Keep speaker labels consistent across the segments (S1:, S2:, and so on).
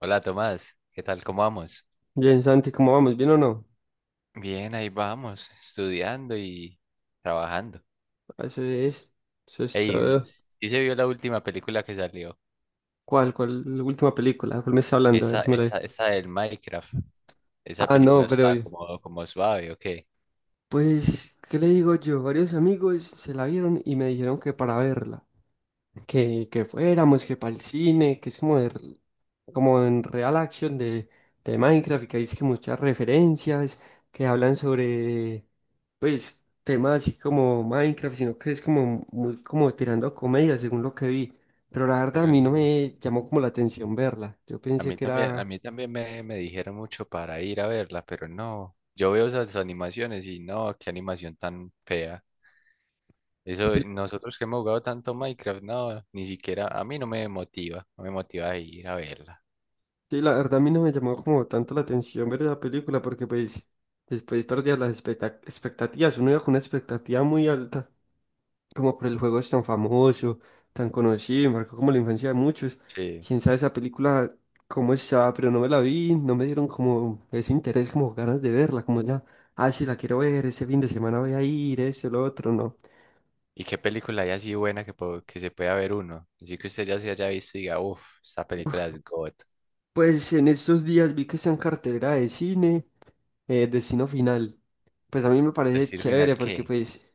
S1: Hola Tomás, ¿qué tal? ¿Cómo vamos?
S2: Bien, Santi, ¿cómo vamos? ¿Bien o no?
S1: Bien, ahí vamos, estudiando y trabajando.
S2: Eso es. Eso es
S1: Ey,
S2: todo.
S1: ¿sí se vio la última película que salió?
S2: ¿Cuál? ¿Cuál? La última película. ¿Cuál me está hablando? A ver
S1: Esa,
S2: si me la vi.
S1: esa, esa del Minecraft. Esa
S2: Ah, no,
S1: película
S2: pero.
S1: estaba como, suave, ¿o qué?
S2: Pues, ¿qué le digo yo? Varios amigos se la vieron y me dijeron que para verla. Que fuéramos, que para el cine, que es como, como en real action de Minecraft, y que hay es que muchas referencias que hablan sobre, pues, temas así como Minecraft, sino que es como, muy, como tirando a comedia, según lo que vi. Pero la verdad a
S1: Pero
S2: mí no
S1: no.
S2: me llamó como la atención verla. Yo pensé que
S1: A
S2: era...
S1: mí también me dijeron mucho para ir a verla, pero no. Yo veo esas animaciones y no, qué animación tan fea. Eso, nosotros que hemos jugado tanto Minecraft, no, ni siquiera, a mí no me motiva, no me motiva a ir a verla.
S2: Sí, la verdad a mí no me llamó como tanto la atención ver esa película porque pues después perdía las expectativas. Uno iba con una expectativa muy alta como por el juego es tan famoso, tan conocido, y marcó como la infancia de muchos.
S1: Sí.
S2: Quién sabe esa película cómo está, pero no me la vi, no me dieron como ese interés, como ganas de verla, como ya, ah, sí, la quiero ver, ese fin de semana voy a ir, esto, lo otro, no.
S1: ¿Y qué película hay así buena que se pueda ver uno? Así que usted ya se haya visto y diga, uff, esta película es God.
S2: Pues en estos días vi que está en cartelera de cine, Destino Final. Pues a mí me parece
S1: Destino Final,
S2: chévere porque
S1: ¿qué?
S2: pues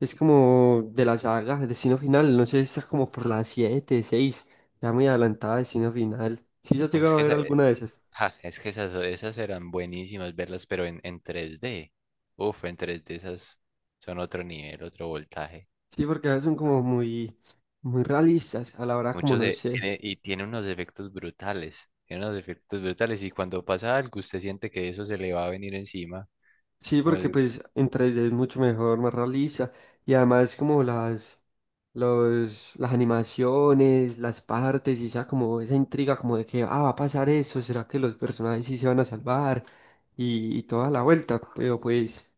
S2: es como de la saga, Destino Final, no sé, está como por las 7, 6, ya muy adelantada Destino Final. ¿Sí has
S1: Uf,
S2: llegado a ver alguna de esas?
S1: es que esas eran buenísimas verlas, pero en, tres d. Uf, en tres d esas son otro nivel, otro voltaje.
S2: Sí, porque a veces son como muy, muy realistas a la hora, como
S1: Muchos
S2: no
S1: de,
S2: sé.
S1: tiene- y tiene unos efectos brutales. Tiene unos efectos brutales y cuando pasa algo usted siente que eso se le va a venir encima.
S2: Sí,
S1: Como
S2: porque
S1: el-
S2: pues en 3D es mucho mejor, más realista. Y además como las animaciones, las partes, y esa como esa intriga como de que, ah, va a pasar eso, ¿será que los personajes sí se van a salvar? Y toda la vuelta. Pero pues,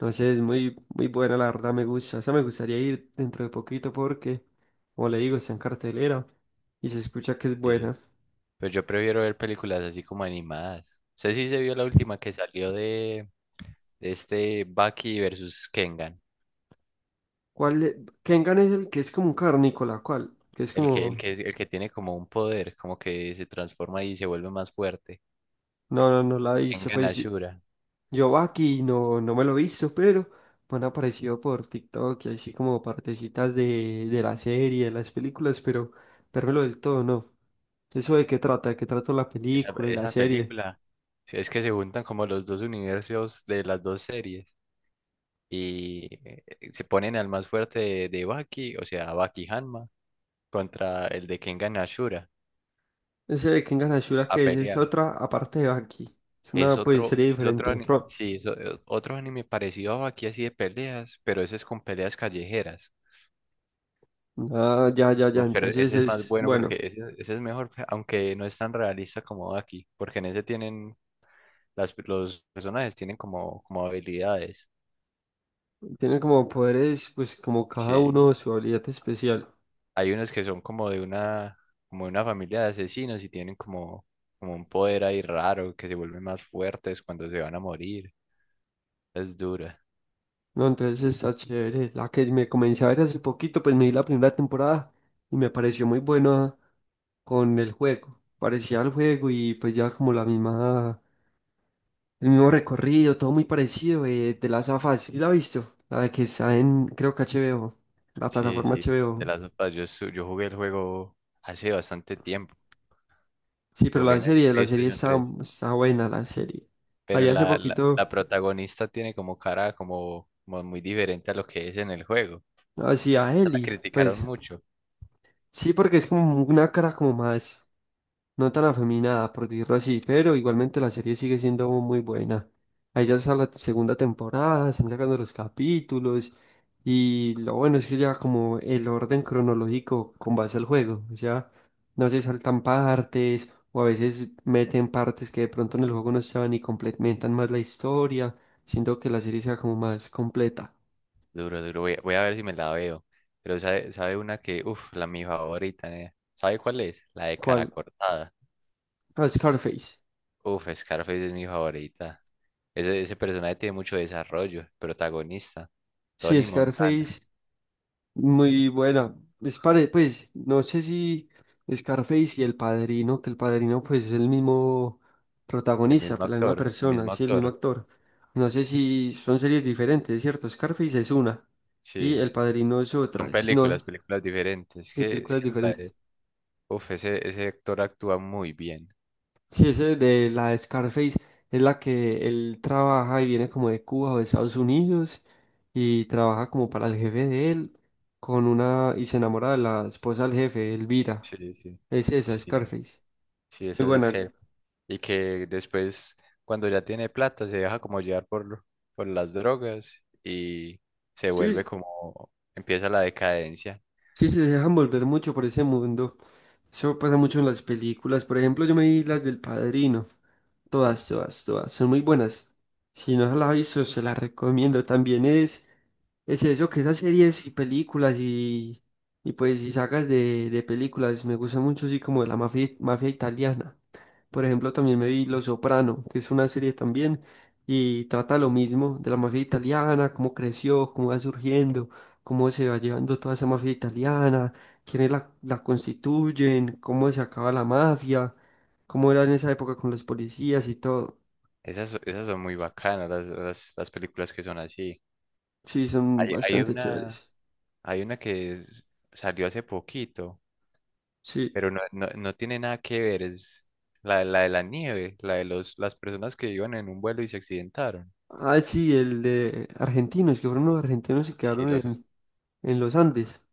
S2: no sé, es muy, muy buena, la verdad me gusta. O sea, me gustaría ir dentro de poquito porque, como le digo, está en cartelera y se escucha que es
S1: eh,
S2: buena.
S1: pero yo prefiero ver películas así como animadas. Sé si se vio la última que salió de... Este Baki versus Kengan.
S2: ¿Cuál? Kengan es el que es como un carnícola, ¿cuál? Que es
S1: El que, el
S2: como...
S1: que, el que tiene como un poder, como que se transforma y se vuelve más fuerte.
S2: No, no, no la he visto,
S1: Kengan
S2: pues
S1: Ashura.
S2: yo Baki no, no me lo he visto, pero me han aparecido por TikTok y así como partecitas de la serie, de las películas, pero vérmelo del todo, no. ¿Eso de qué trata? ¿De qué trata la
S1: Esa,
S2: película y la
S1: esa
S2: serie?
S1: película. Sí, es que se juntan como los dos universos de las dos series. Y se ponen al más fuerte de, Baki, o sea, Baki Hanma, contra el de Kengan Ashura
S2: Ese de Kengan Ashura
S1: a
S2: que es
S1: pelear.
S2: otra, aparte de Baki. Es una pues serie
S1: Es otro,
S2: diferente,
S1: ani-
S2: otro.
S1: sí, es o- Otro anime parecido a Baki así de peleas, pero ese es con peleas callejeras.
S2: Ah, ya, ya, ya.
S1: Uf, pero
S2: Entonces
S1: ese es más
S2: es,
S1: bueno porque
S2: bueno,
S1: ese es mejor, aunque no es tan realista como aquí, porque en ese tienen, las, los personajes tienen como, como habilidades.
S2: tiene como poderes, pues como cada
S1: Sí,
S2: uno su habilidad especial.
S1: hay unos que son como de una familia de asesinos y tienen como, como un poder ahí raro que se vuelven más fuertes cuando se van a morir. Es dura.
S2: No, entonces está chévere. La que me comencé a ver hace poquito, pues me di la primera temporada y me pareció muy buena con el juego. Parecía el juego y pues ya como la misma, el mismo recorrido, todo muy parecido, de las afas. ¿Sí la has visto? La de que está en, creo que HBO, la
S1: Sí,
S2: plataforma
S1: sí, de
S2: HBO.
S1: las otras, yo, yo jugué el juego hace bastante tiempo,
S2: Sí,
S1: lo
S2: pero
S1: jugué
S2: la
S1: en el
S2: serie, la serie
S1: PlayStation
S2: está,
S1: tres
S2: está buena, la serie. Ahí
S1: Pero
S2: hace
S1: la, la,
S2: poquito
S1: la protagonista tiene como cara como, como muy diferente a lo que es en el juego.
S2: hacía
S1: La
S2: Eli,
S1: criticaron
S2: pues
S1: mucho.
S2: sí, porque es como una cara como más no tan afeminada, por decirlo así, pero igualmente la serie sigue siendo muy buena. Ahí ya está la segunda temporada, están sacando los capítulos y lo bueno es que ya como el orden cronológico con base al juego, o sea, no se saltan partes o a veces meten partes que de pronto en el juego no estaban y complementan más la historia, siendo que la serie sea como más completa.
S1: Duro, duro. Voy a ver si me la veo. Pero sabe, sabe una que, uff, la mi favorita, eh. ¿Sabe cuál es? La de cara
S2: ¿Cuál?
S1: cortada.
S2: Ah, Scarface.
S1: Uff, Scarface es mi favorita. Ese personaje tiene mucho desarrollo. El protagonista.
S2: Sí,
S1: Tony Montana.
S2: Scarface. Muy buena. Es pues, no sé si Scarface y El Padrino, que El Padrino pues es el mismo
S1: El
S2: protagonista,
S1: mismo
S2: pues la misma
S1: actor. El
S2: persona,
S1: mismo
S2: sí, el mismo
S1: actor.
S2: actor. No sé si son series diferentes, ¿cierto? Scarface es una y
S1: Sí.
S2: El Padrino es
S1: Son
S2: otra, sino
S1: películas, películas diferentes.
S2: sí,
S1: Es
S2: películas
S1: que la
S2: diferentes.
S1: de- uf, ese actor actúa muy bien.
S2: Si ese de la de Scarface es la que él trabaja y viene como de Cuba o de Estados Unidos y trabaja como para el jefe de él con una y se enamora de la esposa del jefe, Elvira.
S1: Sí, sí,
S2: Es esa,
S1: sí, sí,
S2: Scarface.
S1: sí,
S2: Muy
S1: esas es
S2: buena.
S1: que, y que después cuando ya tiene plata se deja como llevar por, las drogas y se vuelve
S2: Sí,
S1: como, empieza la decadencia.
S2: sí, se dejan volver mucho por ese mundo. Eso pasa mucho en las películas. Por ejemplo, yo me vi las del Padrino. Todas, todas, todas. Son muy buenas. Si no se las ha visto, se las recomiendo. También es eso, que esas series y películas y pues y sagas de películas me gustan mucho, así como de la mafia, mafia italiana. Por ejemplo, también me vi los Soprano, que es una serie también y trata lo mismo de la mafia italiana, cómo creció, cómo va surgiendo, cómo se va llevando toda esa mafia italiana, quiénes la constituyen, cómo se acaba la mafia, cómo era en esa época con los policías y todo.
S1: Esas son muy bacanas, las películas que son así.
S2: Sí, son
S1: Hay,
S2: bastante chéveres.
S1: hay una que salió hace poquito,
S2: Sí.
S1: pero no, no, no tiene nada que ver, es la de la nieve, la de los, las personas que iban en un vuelo y se accidentaron.
S2: Ah, sí, el de argentinos, que fueron los argentinos y
S1: Sí,
S2: quedaron
S1: los.
S2: en los Andes.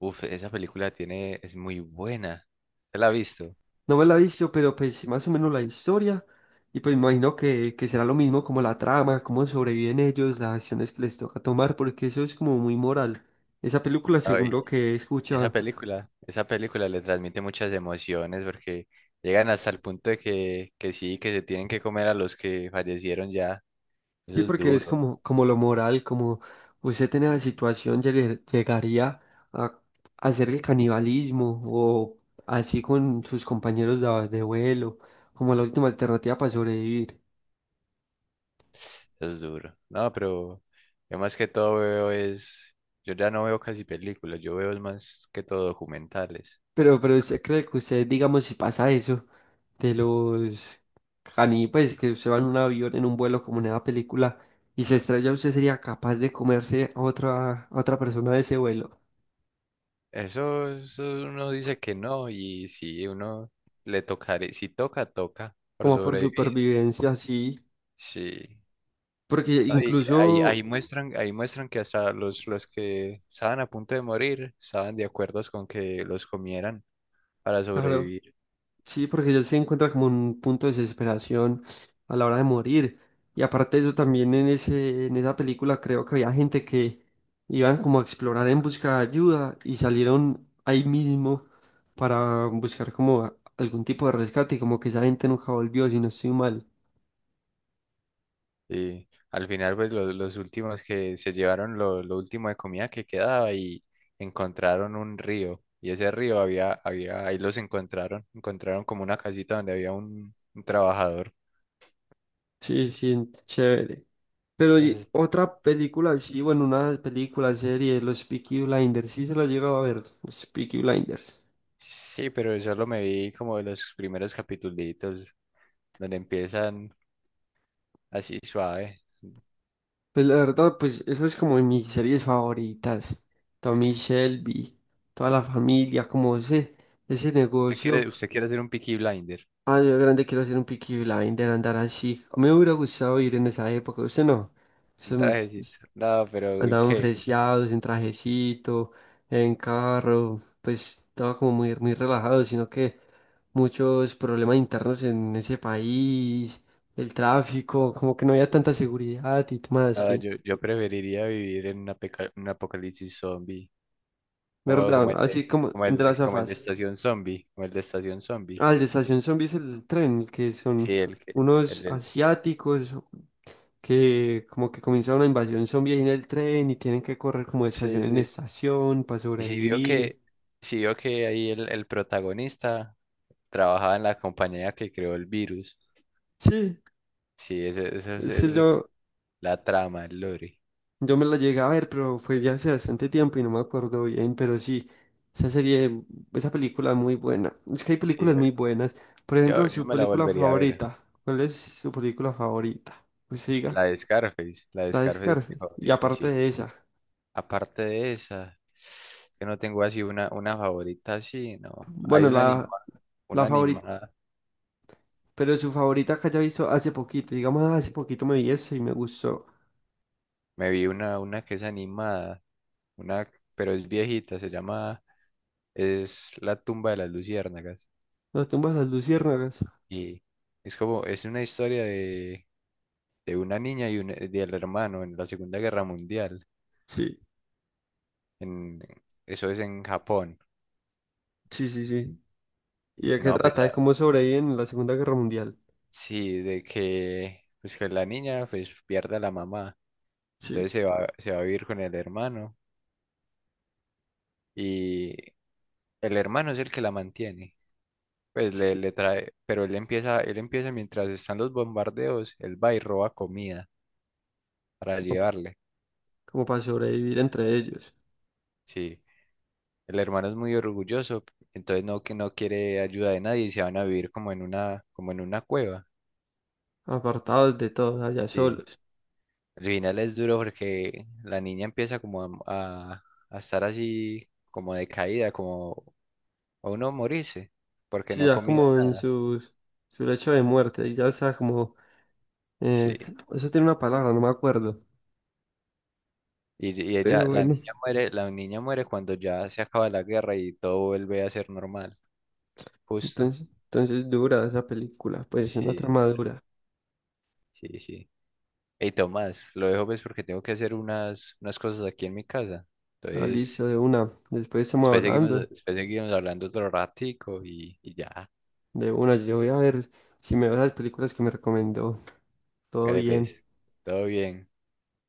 S1: Uf, esa película tiene, es muy buena. ¿Te la has visto?
S2: No me la he visto, pero pues más o menos la historia. Y pues me imagino que será lo mismo como la trama, cómo sobreviven ellos, las acciones que les toca tomar, porque eso es como muy moral. Esa película, según
S1: Ay,
S2: lo que he escuchado,
S1: esa película le transmite muchas emociones porque llegan hasta el punto de que sí, que se tienen que comer a los que fallecieron ya.
S2: sí,
S1: Eso es
S2: porque es
S1: duro,
S2: como, lo moral, como usted en esa situación llegaría a hacer el canibalismo o así con sus compañeros de vuelo, como la última alternativa para sobrevivir.
S1: eso es duro. No, pero yo más que todo veo es, yo ya no veo casi películas, yo veo es más que todo documentales.
S2: Pero usted cree que usted, digamos, si pasa eso de los caníbales, que usted va en un avión, en un vuelo como en esa película, y se estrella, usted sería capaz de comerse a otra persona de ese vuelo,
S1: Eso uno dice que no y si uno le tocaré, si toca, toca por
S2: como por
S1: sobrevivir.
S2: supervivencia, así,
S1: Sí.
S2: porque
S1: Ahí, ahí
S2: incluso...
S1: muestran, ahí muestran que hasta los que estaban a punto de morir estaban de acuerdo con que los comieran para
S2: Claro,
S1: sobrevivir.
S2: sí, porque ellos se encuentran como un punto de desesperación a la hora de morir. Y aparte de eso, también en esa película creo que había gente que iban como a explorar en busca de ayuda y salieron ahí mismo para buscar como algún tipo de rescate y como que esa gente nunca volvió, si no estoy mal.
S1: Y al final, pues los últimos que se llevaron lo último de comida que quedaba y encontraron un río. Y ese río había, había, ahí los encontraron, encontraron como una casita donde había un trabajador.
S2: Sí, sí, chévere. Pero y
S1: Es-
S2: otra película, sí, bueno, una película, serie, los Peaky Blinders, sí se la he llegado a ver, los Peaky Blinders.
S1: sí, pero solo me vi como de los primeros capitulitos donde empiezan así suave.
S2: Pues la verdad, pues eso es como de mis series favoritas. Tommy Shelby, toda la familia, como ese negocio.
S1: Usted quiere hacer un Peaky Blinder,
S2: Ah, yo de grande quiero hacer un Peaky Blinder, andar así. A mí me hubiera gustado ir en esa época, usted no.
S1: un trajecito.
S2: Pues,
S1: No, pero uy,
S2: andaban
S1: qué.
S2: fresiados, en trajecito, en carro, pues estaba como muy, muy relajado, sino que muchos problemas internos en ese país, el tráfico, como que no había tanta seguridad y demás.
S1: No,
S2: Sí.
S1: yo preferiría vivir en un apocalipsis zombie. Como,
S2: ¿Verdad? Así como entre las
S1: como el de
S2: afas.
S1: Estación Zombie. Como el de Estación Zombie.
S2: Ah, el de Estación Zombies, el tren, que
S1: Sí,
S2: son
S1: el que. El,
S2: unos
S1: del-
S2: asiáticos que como que comienza una invasión zombie ahí en el tren y tienen que correr como de estación
S1: Sí,
S2: en
S1: sí.
S2: estación para
S1: Y si vio
S2: sobrevivir.
S1: que, si vio que ahí el protagonista trabajaba en la compañía que creó el virus.
S2: Sí,
S1: Sí, esa es
S2: es que yo,
S1: la trama, el lore.
S2: yo me la llegué a ver, pero fue ya hace bastante tiempo y no me acuerdo bien, pero sí, esa serie, esa película es muy buena. Es que hay
S1: Sí,
S2: películas
S1: yo,
S2: muy buenas. Por
S1: yo,
S2: ejemplo,
S1: yo
S2: su
S1: me la
S2: película
S1: volvería a ver.
S2: favorita. ¿Cuál es su película favorita? Pues siga.
S1: La de
S2: La de
S1: Scarface es mi
S2: Scarface. Y
S1: favorita,
S2: aparte
S1: sí.
S2: de esa.
S1: Aparte de esa, que no tengo así una favorita así, ¿no? Hay
S2: Bueno,
S1: una
S2: la,
S1: animada,
S2: la
S1: una
S2: favorita.
S1: animada.
S2: Pero su favorita que haya visto hace poquito. Digamos, "Ah, hace poquito me vi esa y me gustó."
S1: Me vi una que es animada, una, pero es viejita, se llama, es La Tumba de las Luciérnagas.
S2: Las tumbas de las luciérnagas.
S1: Y es como, es una historia de una niña y un, del hermano en la Segunda Guerra Mundial.
S2: Sí,
S1: En, eso es en Japón.
S2: sí, sí, sí. ¿Y
S1: Y
S2: de qué
S1: no,
S2: trata? De cómo sobreviven en la Segunda Guerra Mundial.
S1: sí, de que, pues que la niña pues pierde a la mamá.
S2: Sí,
S1: Entonces se va a vivir con el hermano y el hermano es el que la mantiene. Pues le,
S2: sí.
S1: le trae, pero él empieza mientras están los bombardeos, él va y roba comida para
S2: Como, pa-
S1: llevarle.
S2: como para sobrevivir entre ellos.
S1: Sí, el hermano es muy orgulloso, entonces no, que no quiere ayuda de nadie y se van a vivir como en una cueva.
S2: Apartados de todos, allá
S1: Sí.
S2: solos.
S1: Al final es duro porque la niña empieza como a estar así como decaída, como a uno morirse, porque
S2: Sí,
S1: no ha
S2: ya
S1: comido
S2: como en
S1: nada.
S2: su lecho de muerte. Y ya sea como. eh,
S1: Sí.
S2: Eso tiene una palabra, no me acuerdo.
S1: Y
S2: Pero
S1: ella,
S2: bueno.
S1: la niña muere cuando ya se acaba la guerra y todo vuelve a ser normal, justo.
S2: Entonces, dura esa película, pues una
S1: Sí,
S2: trama dura.
S1: sí, sí. Hey, Tomás, lo dejo pues porque tengo que hacer unas cosas aquí en mi casa.
S2: Ah,
S1: Entonces,
S2: listo, de una. Después estamos hablando
S1: después seguimos hablando otro ratico y ya.
S2: de una. Yo voy a ver si me veo las películas que me recomendó. Todo
S1: Hágale
S2: bien.
S1: pues. Todo bien.